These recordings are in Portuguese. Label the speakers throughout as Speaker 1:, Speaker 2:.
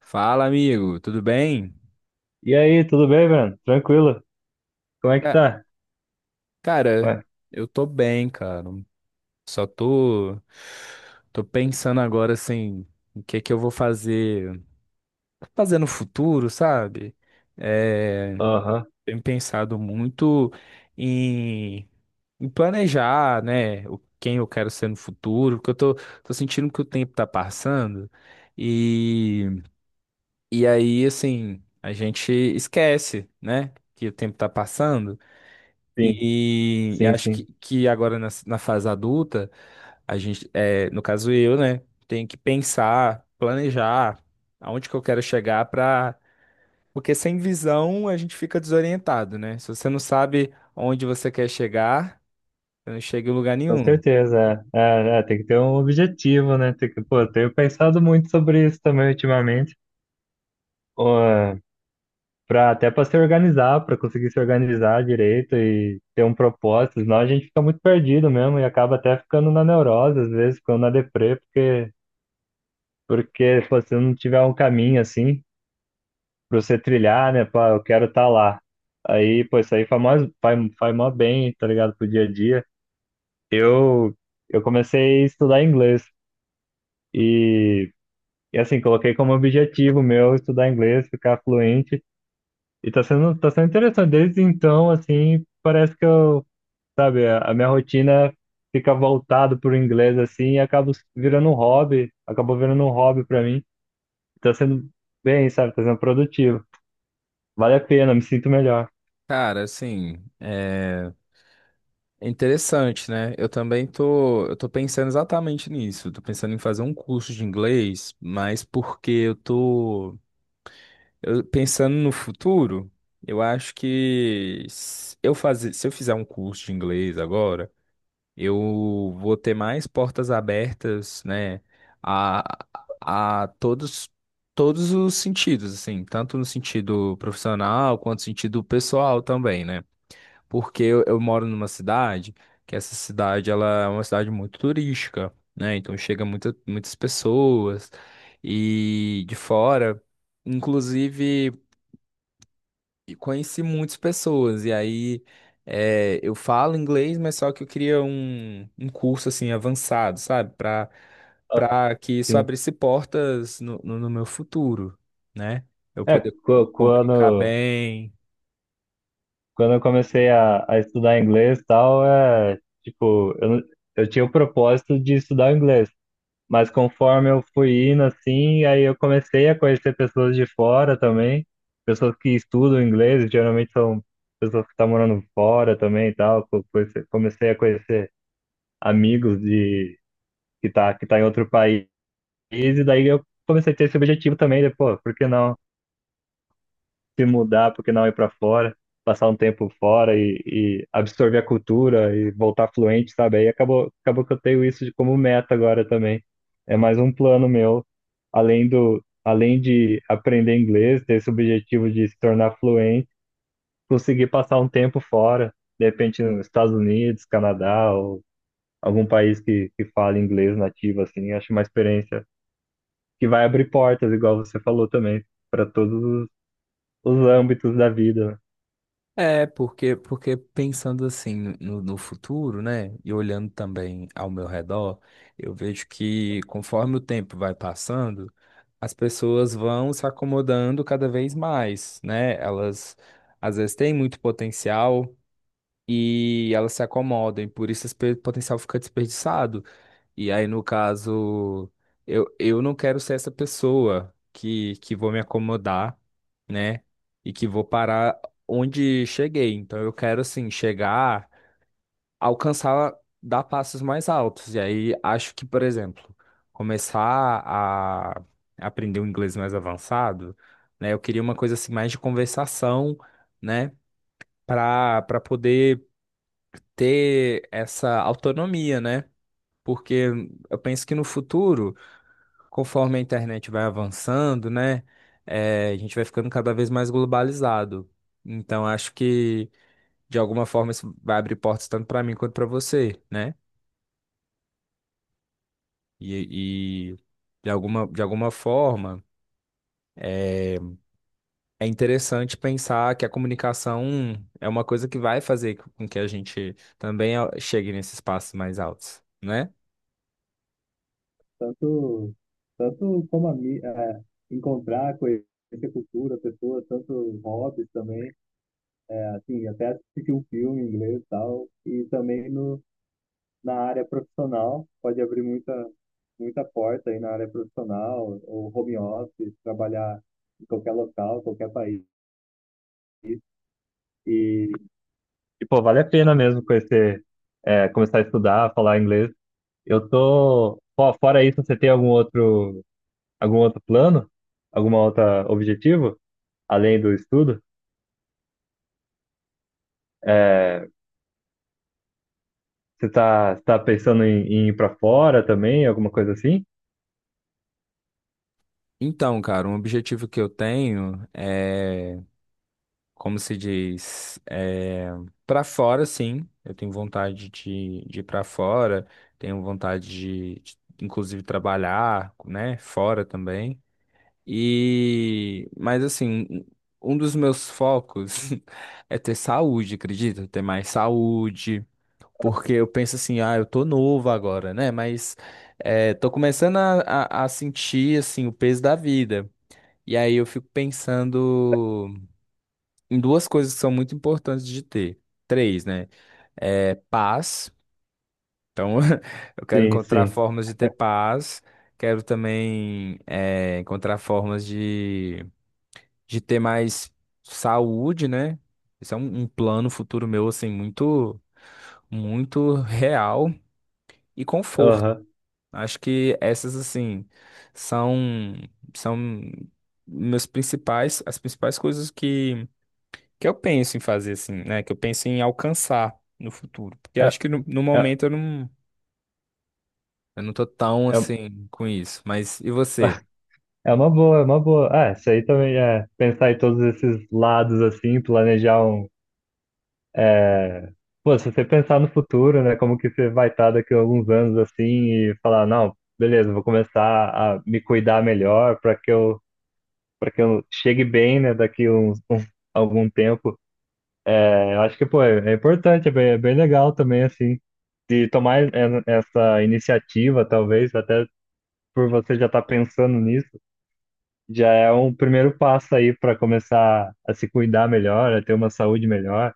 Speaker 1: Fala, amigo, tudo bem?
Speaker 2: E aí, tudo bem, Breno? Tranquilo? Como é que
Speaker 1: Ca-
Speaker 2: tá?
Speaker 1: Cara,
Speaker 2: Ué,
Speaker 1: eu tô bem, cara. Só tô pensando agora assim, o que que eu vou fazer, fazer no futuro, sabe? É,
Speaker 2: aham,
Speaker 1: tenho pensado muito em, em planejar, né, o quem eu quero ser no futuro, porque tô sentindo que o tempo tá passando e e aí assim, a gente esquece, né, que o tempo tá passando.
Speaker 2: sim,
Speaker 1: E acho
Speaker 2: sim.
Speaker 1: que agora na fase adulta, a gente, é, no caso eu, né, tenho que pensar, planejar aonde que eu quero chegar para. Porque sem visão a gente fica desorientado, né? Se você não sabe onde você quer chegar, você não chega em lugar
Speaker 2: Com
Speaker 1: nenhum.
Speaker 2: certeza. Tem que ter um objetivo, né? Tem que, eu tenho pensado muito sobre isso também ultimamente. Ó, pra, até para se organizar, para conseguir se organizar direito e ter um propósito, senão a gente fica muito perdido mesmo e acaba até ficando na neurose, às vezes, ficando na deprê, porque pô, se não tiver um caminho assim pra você trilhar, né? Pá, eu quero estar lá. Aí, pô, isso aí faz faz mó bem, tá ligado? Pro dia a dia. Eu, eu comecei a estudar inglês e, assim, coloquei como objetivo meu estudar inglês, ficar fluente. E tá sendo interessante. Desde então, assim, parece que sabe, a minha rotina fica voltada pro inglês, assim, e acabo virando um hobby, acabou virando um hobby pra mim. Tá sendo bem, sabe? Tá sendo produtivo. Vale a pena, me sinto melhor.
Speaker 1: Cara, assim, é interessante, né? Eu também tô pensando exatamente nisso. Eu tô pensando em fazer um curso de inglês, mas porque pensando no futuro, eu acho que se eu fizer um curso de inglês agora, eu vou ter mais portas abertas, né, a, a todos os sentidos, assim, tanto no sentido profissional quanto no sentido pessoal também, né? Porque eu moro numa cidade que essa cidade ela é uma cidade muito turística, né? Então chega muitas pessoas e de fora. Inclusive, e conheci muitas pessoas. E aí é, eu falo inglês, mas só que eu queria um curso assim avançado, sabe?
Speaker 2: Ah,
Speaker 1: Para que isso
Speaker 2: sim.
Speaker 1: abrisse portas no meu futuro, né? Eu
Speaker 2: É,
Speaker 1: poder
Speaker 2: qu-
Speaker 1: comunicar
Speaker 2: quando,
Speaker 1: bem.
Speaker 2: quando eu comecei a estudar inglês e tal, tipo, eu, não- eu tinha o propósito de estudar inglês, mas conforme eu fui indo, assim, aí eu comecei a conhecer pessoas de fora também, pessoas que estudam inglês, geralmente são pessoas que estão morando fora também e tal, comecei a conhecer amigos de, que tá em outro país, e daí eu comecei a ter esse objetivo também, de, pô, por que não se mudar, porque não ir para fora, passar um tempo fora e absorver a cultura e voltar fluente, sabe? Aí acabou que eu tenho isso de como meta agora também. É mais um plano meu, além de aprender inglês, ter esse objetivo de se tornar fluente, conseguir passar um tempo fora, de repente nos Estados Unidos, Canadá ou algum país que fale inglês nativo, assim, acho uma experiência que vai abrir portas, igual você falou também, para todos os âmbitos da vida, né?
Speaker 1: É, porque pensando assim no futuro, né, e olhando também ao meu redor, eu vejo que conforme o tempo vai passando, as pessoas vão se acomodando cada vez mais, né? Elas às vezes têm muito potencial e elas se acomodam, e por isso esse potencial fica desperdiçado. E aí, no caso, eu não quero ser essa pessoa que vou me acomodar, né? E que vou parar onde cheguei. Então, eu quero, assim, chegar, alcançar, dar passos mais altos. E aí, acho que, por exemplo, começar a aprender um inglês mais avançado, né? Eu queria uma coisa, assim, mais de conversação, né? Para poder ter essa autonomia, né? Porque eu penso que no futuro conforme a internet vai avançando, né, a gente vai ficando cada vez mais globalizado. Então, acho que, de alguma forma, isso vai abrir portas tanto para mim quanto para você, né? E de alguma forma, eh, é, interessante pensar que a comunicação é uma coisa que vai fazer com que a gente também chegue nesses espaços mais altos, né?
Speaker 2: Tanto, tanto como encontrar, conhecer cultura, pessoas, tanto hobbies também, é, assim, até assistir um filme em inglês e tal, e também no, na área profissional, pode abrir muita porta aí na área profissional, ou home office, trabalhar em qualquer local, qualquer país, e E, pô, vale a pena mesmo conhecer, é, começar a estudar, falar inglês. Eu tô. Pô, fora isso, você tem algum outro, algum outro plano? Alguma outra objetivo? Além do estudo? É, você tá pensando em, em ir para fora também? Alguma coisa assim?
Speaker 1: Então, cara, um objetivo que eu tenho é como se diz, é, para fora, sim. Eu tenho vontade de ir para fora, tenho vontade inclusive, trabalhar, né, fora também. E, mas assim, um dos meus focos é ter saúde, acredita? Ter mais saúde, porque eu penso assim, ah, eu tô novo agora, né? Mas é, tô começando a sentir, assim, o peso da vida. E aí eu fico pensando em duas coisas que são muito importantes de ter. Três, né? É paz. Então, eu quero
Speaker 2: Sim,
Speaker 1: encontrar
Speaker 2: sim.
Speaker 1: formas de ter paz. Quero também é, encontrar formas de ter mais saúde, né? Isso é um plano futuro meu, assim, muito, muito real e conforto.
Speaker 2: Aham.
Speaker 1: Acho que essas, assim, são, são meus principais, as principais coisas que eu penso em fazer assim, né? Que eu penso em alcançar no futuro. Porque eu
Speaker 2: É,
Speaker 1: acho que no
Speaker 2: é,
Speaker 1: momento eu não tô tão
Speaker 2: é,
Speaker 1: assim com isso. Mas e você?
Speaker 2: é uma boa. Ah, isso aí também é pensar em todos esses lados assim, planejar um. Pô, se você pensar no futuro, né? Como que você vai estar daqui a alguns anos assim e falar, não, beleza, vou começar a me cuidar melhor para que para que eu chegue bem, né? Daqui a algum tempo. É, eu acho que, pô, é importante, é bem legal também, assim, de tomar essa iniciativa, talvez, até por você já estar pensando nisso, já é um primeiro passo aí para começar a se cuidar melhor, a ter uma saúde melhor,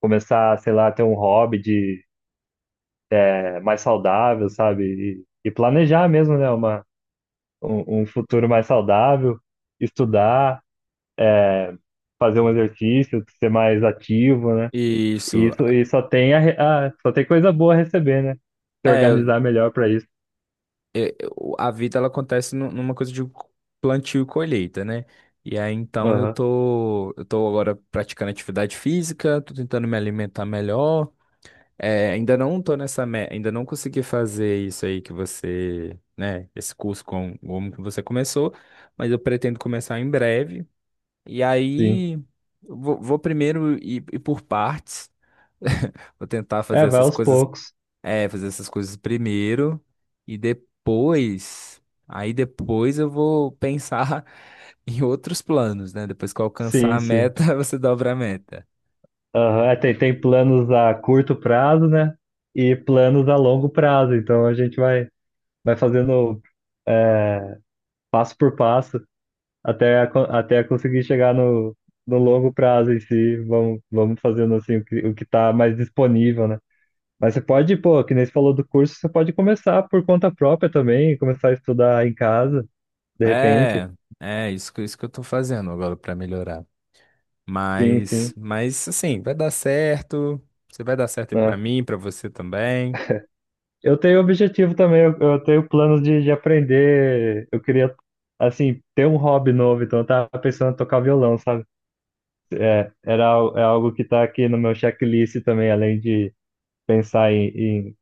Speaker 2: começar, sei lá, a ter um hobby de, é, mais saudável, sabe? E planejar mesmo, né, um futuro mais saudável, estudar, fazer um exercício, ser mais ativo, né? E,
Speaker 1: Isso.
Speaker 2: isso, e só tem só tem coisa boa a receber, né? Se
Speaker 1: É,
Speaker 2: organizar melhor para isso.
Speaker 1: a vida ela acontece numa coisa de plantio e colheita, né? E aí então
Speaker 2: Aham,
Speaker 1: eu tô agora praticando atividade física, tô tentando me alimentar melhor. É, ainda não tô nessa, ainda não consegui fazer isso aí que você, né, esse curso com como que você começou, mas eu pretendo começar em breve. E
Speaker 2: sim.
Speaker 1: aí, eu vou, vou primeiro ir, ir por partes. Vou tentar fazer
Speaker 2: É, vai
Speaker 1: essas
Speaker 2: aos
Speaker 1: coisas,
Speaker 2: poucos.
Speaker 1: é, fazer essas coisas primeiro e depois, aí depois eu vou pensar em outros planos, né? Depois que eu alcançar
Speaker 2: Sim,
Speaker 1: a
Speaker 2: sim.
Speaker 1: meta, você dobra a meta.
Speaker 2: Aham, é, tem planos a curto prazo, né? E planos a longo prazo. Então a vai fazendo é, passo por passo até conseguir chegar no longo prazo em si. Vamos fazendo assim o que está mais disponível, né? Mas você pode, pô, que nem você falou do curso, você pode começar por conta própria também, começar a estudar em casa, de repente.
Speaker 1: É, é isso isso que eu tô fazendo agora pra melhorar.
Speaker 2: Sim, sim.
Speaker 1: Mas assim, vai dar certo. Você vai dar certo aí pra
Speaker 2: Né?
Speaker 1: mim, pra você também.
Speaker 2: Eu tenho objetivo também, eu tenho planos de aprender. Eu queria, assim, ter um hobby novo, então eu tava pensando em tocar violão, sabe? É, é algo que tá aqui no meu checklist também, além de pensar em, em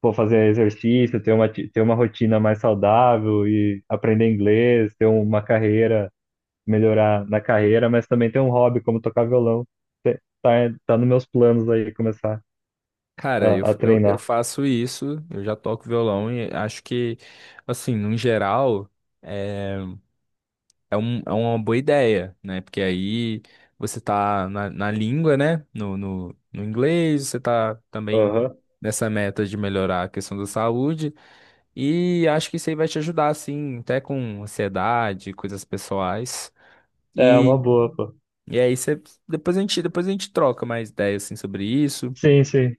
Speaker 2: pô, fazer exercício, ter ter uma rotina mais saudável e aprender inglês, ter uma carreira, melhorar na carreira, mas também tem um hobby como tocar violão. Te- Tá, tá nos meus planos aí começar
Speaker 1: Cara,
Speaker 2: a
Speaker 1: eu
Speaker 2: treinar.
Speaker 1: faço isso, eu já toco violão e acho que, assim, no geral, é, é uma boa ideia, né? Porque aí você tá na língua, né? No inglês, você tá também
Speaker 2: Aham.
Speaker 1: nessa meta de melhorar a questão da saúde, e acho que isso aí vai te ajudar, assim, até com ansiedade, coisas pessoais.
Speaker 2: É
Speaker 1: E,
Speaker 2: uma boa, pô.
Speaker 1: e aí você, depois a gente troca mais ideias, assim, sobre isso.
Speaker 2: Sim, sim.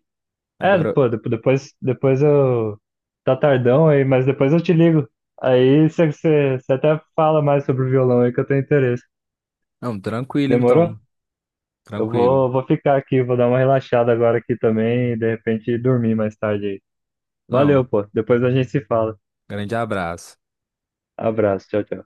Speaker 2: É,
Speaker 1: Agora,
Speaker 2: pô, depois eu. Tá tardão aí, mas depois eu te ligo. Aí você até fala mais sobre o violão aí que eu tenho interesse.
Speaker 1: não, tranquilo
Speaker 2: Demorou?
Speaker 1: então,
Speaker 2: Eu
Speaker 1: tranquilo.
Speaker 2: vou ficar aqui, vou dar uma relaxada agora aqui também e de repente dormir mais tarde aí. Valeu,
Speaker 1: Não,
Speaker 2: pô. Depois a gente se fala.
Speaker 1: grande abraço.
Speaker 2: Abraço, tchau, tchau.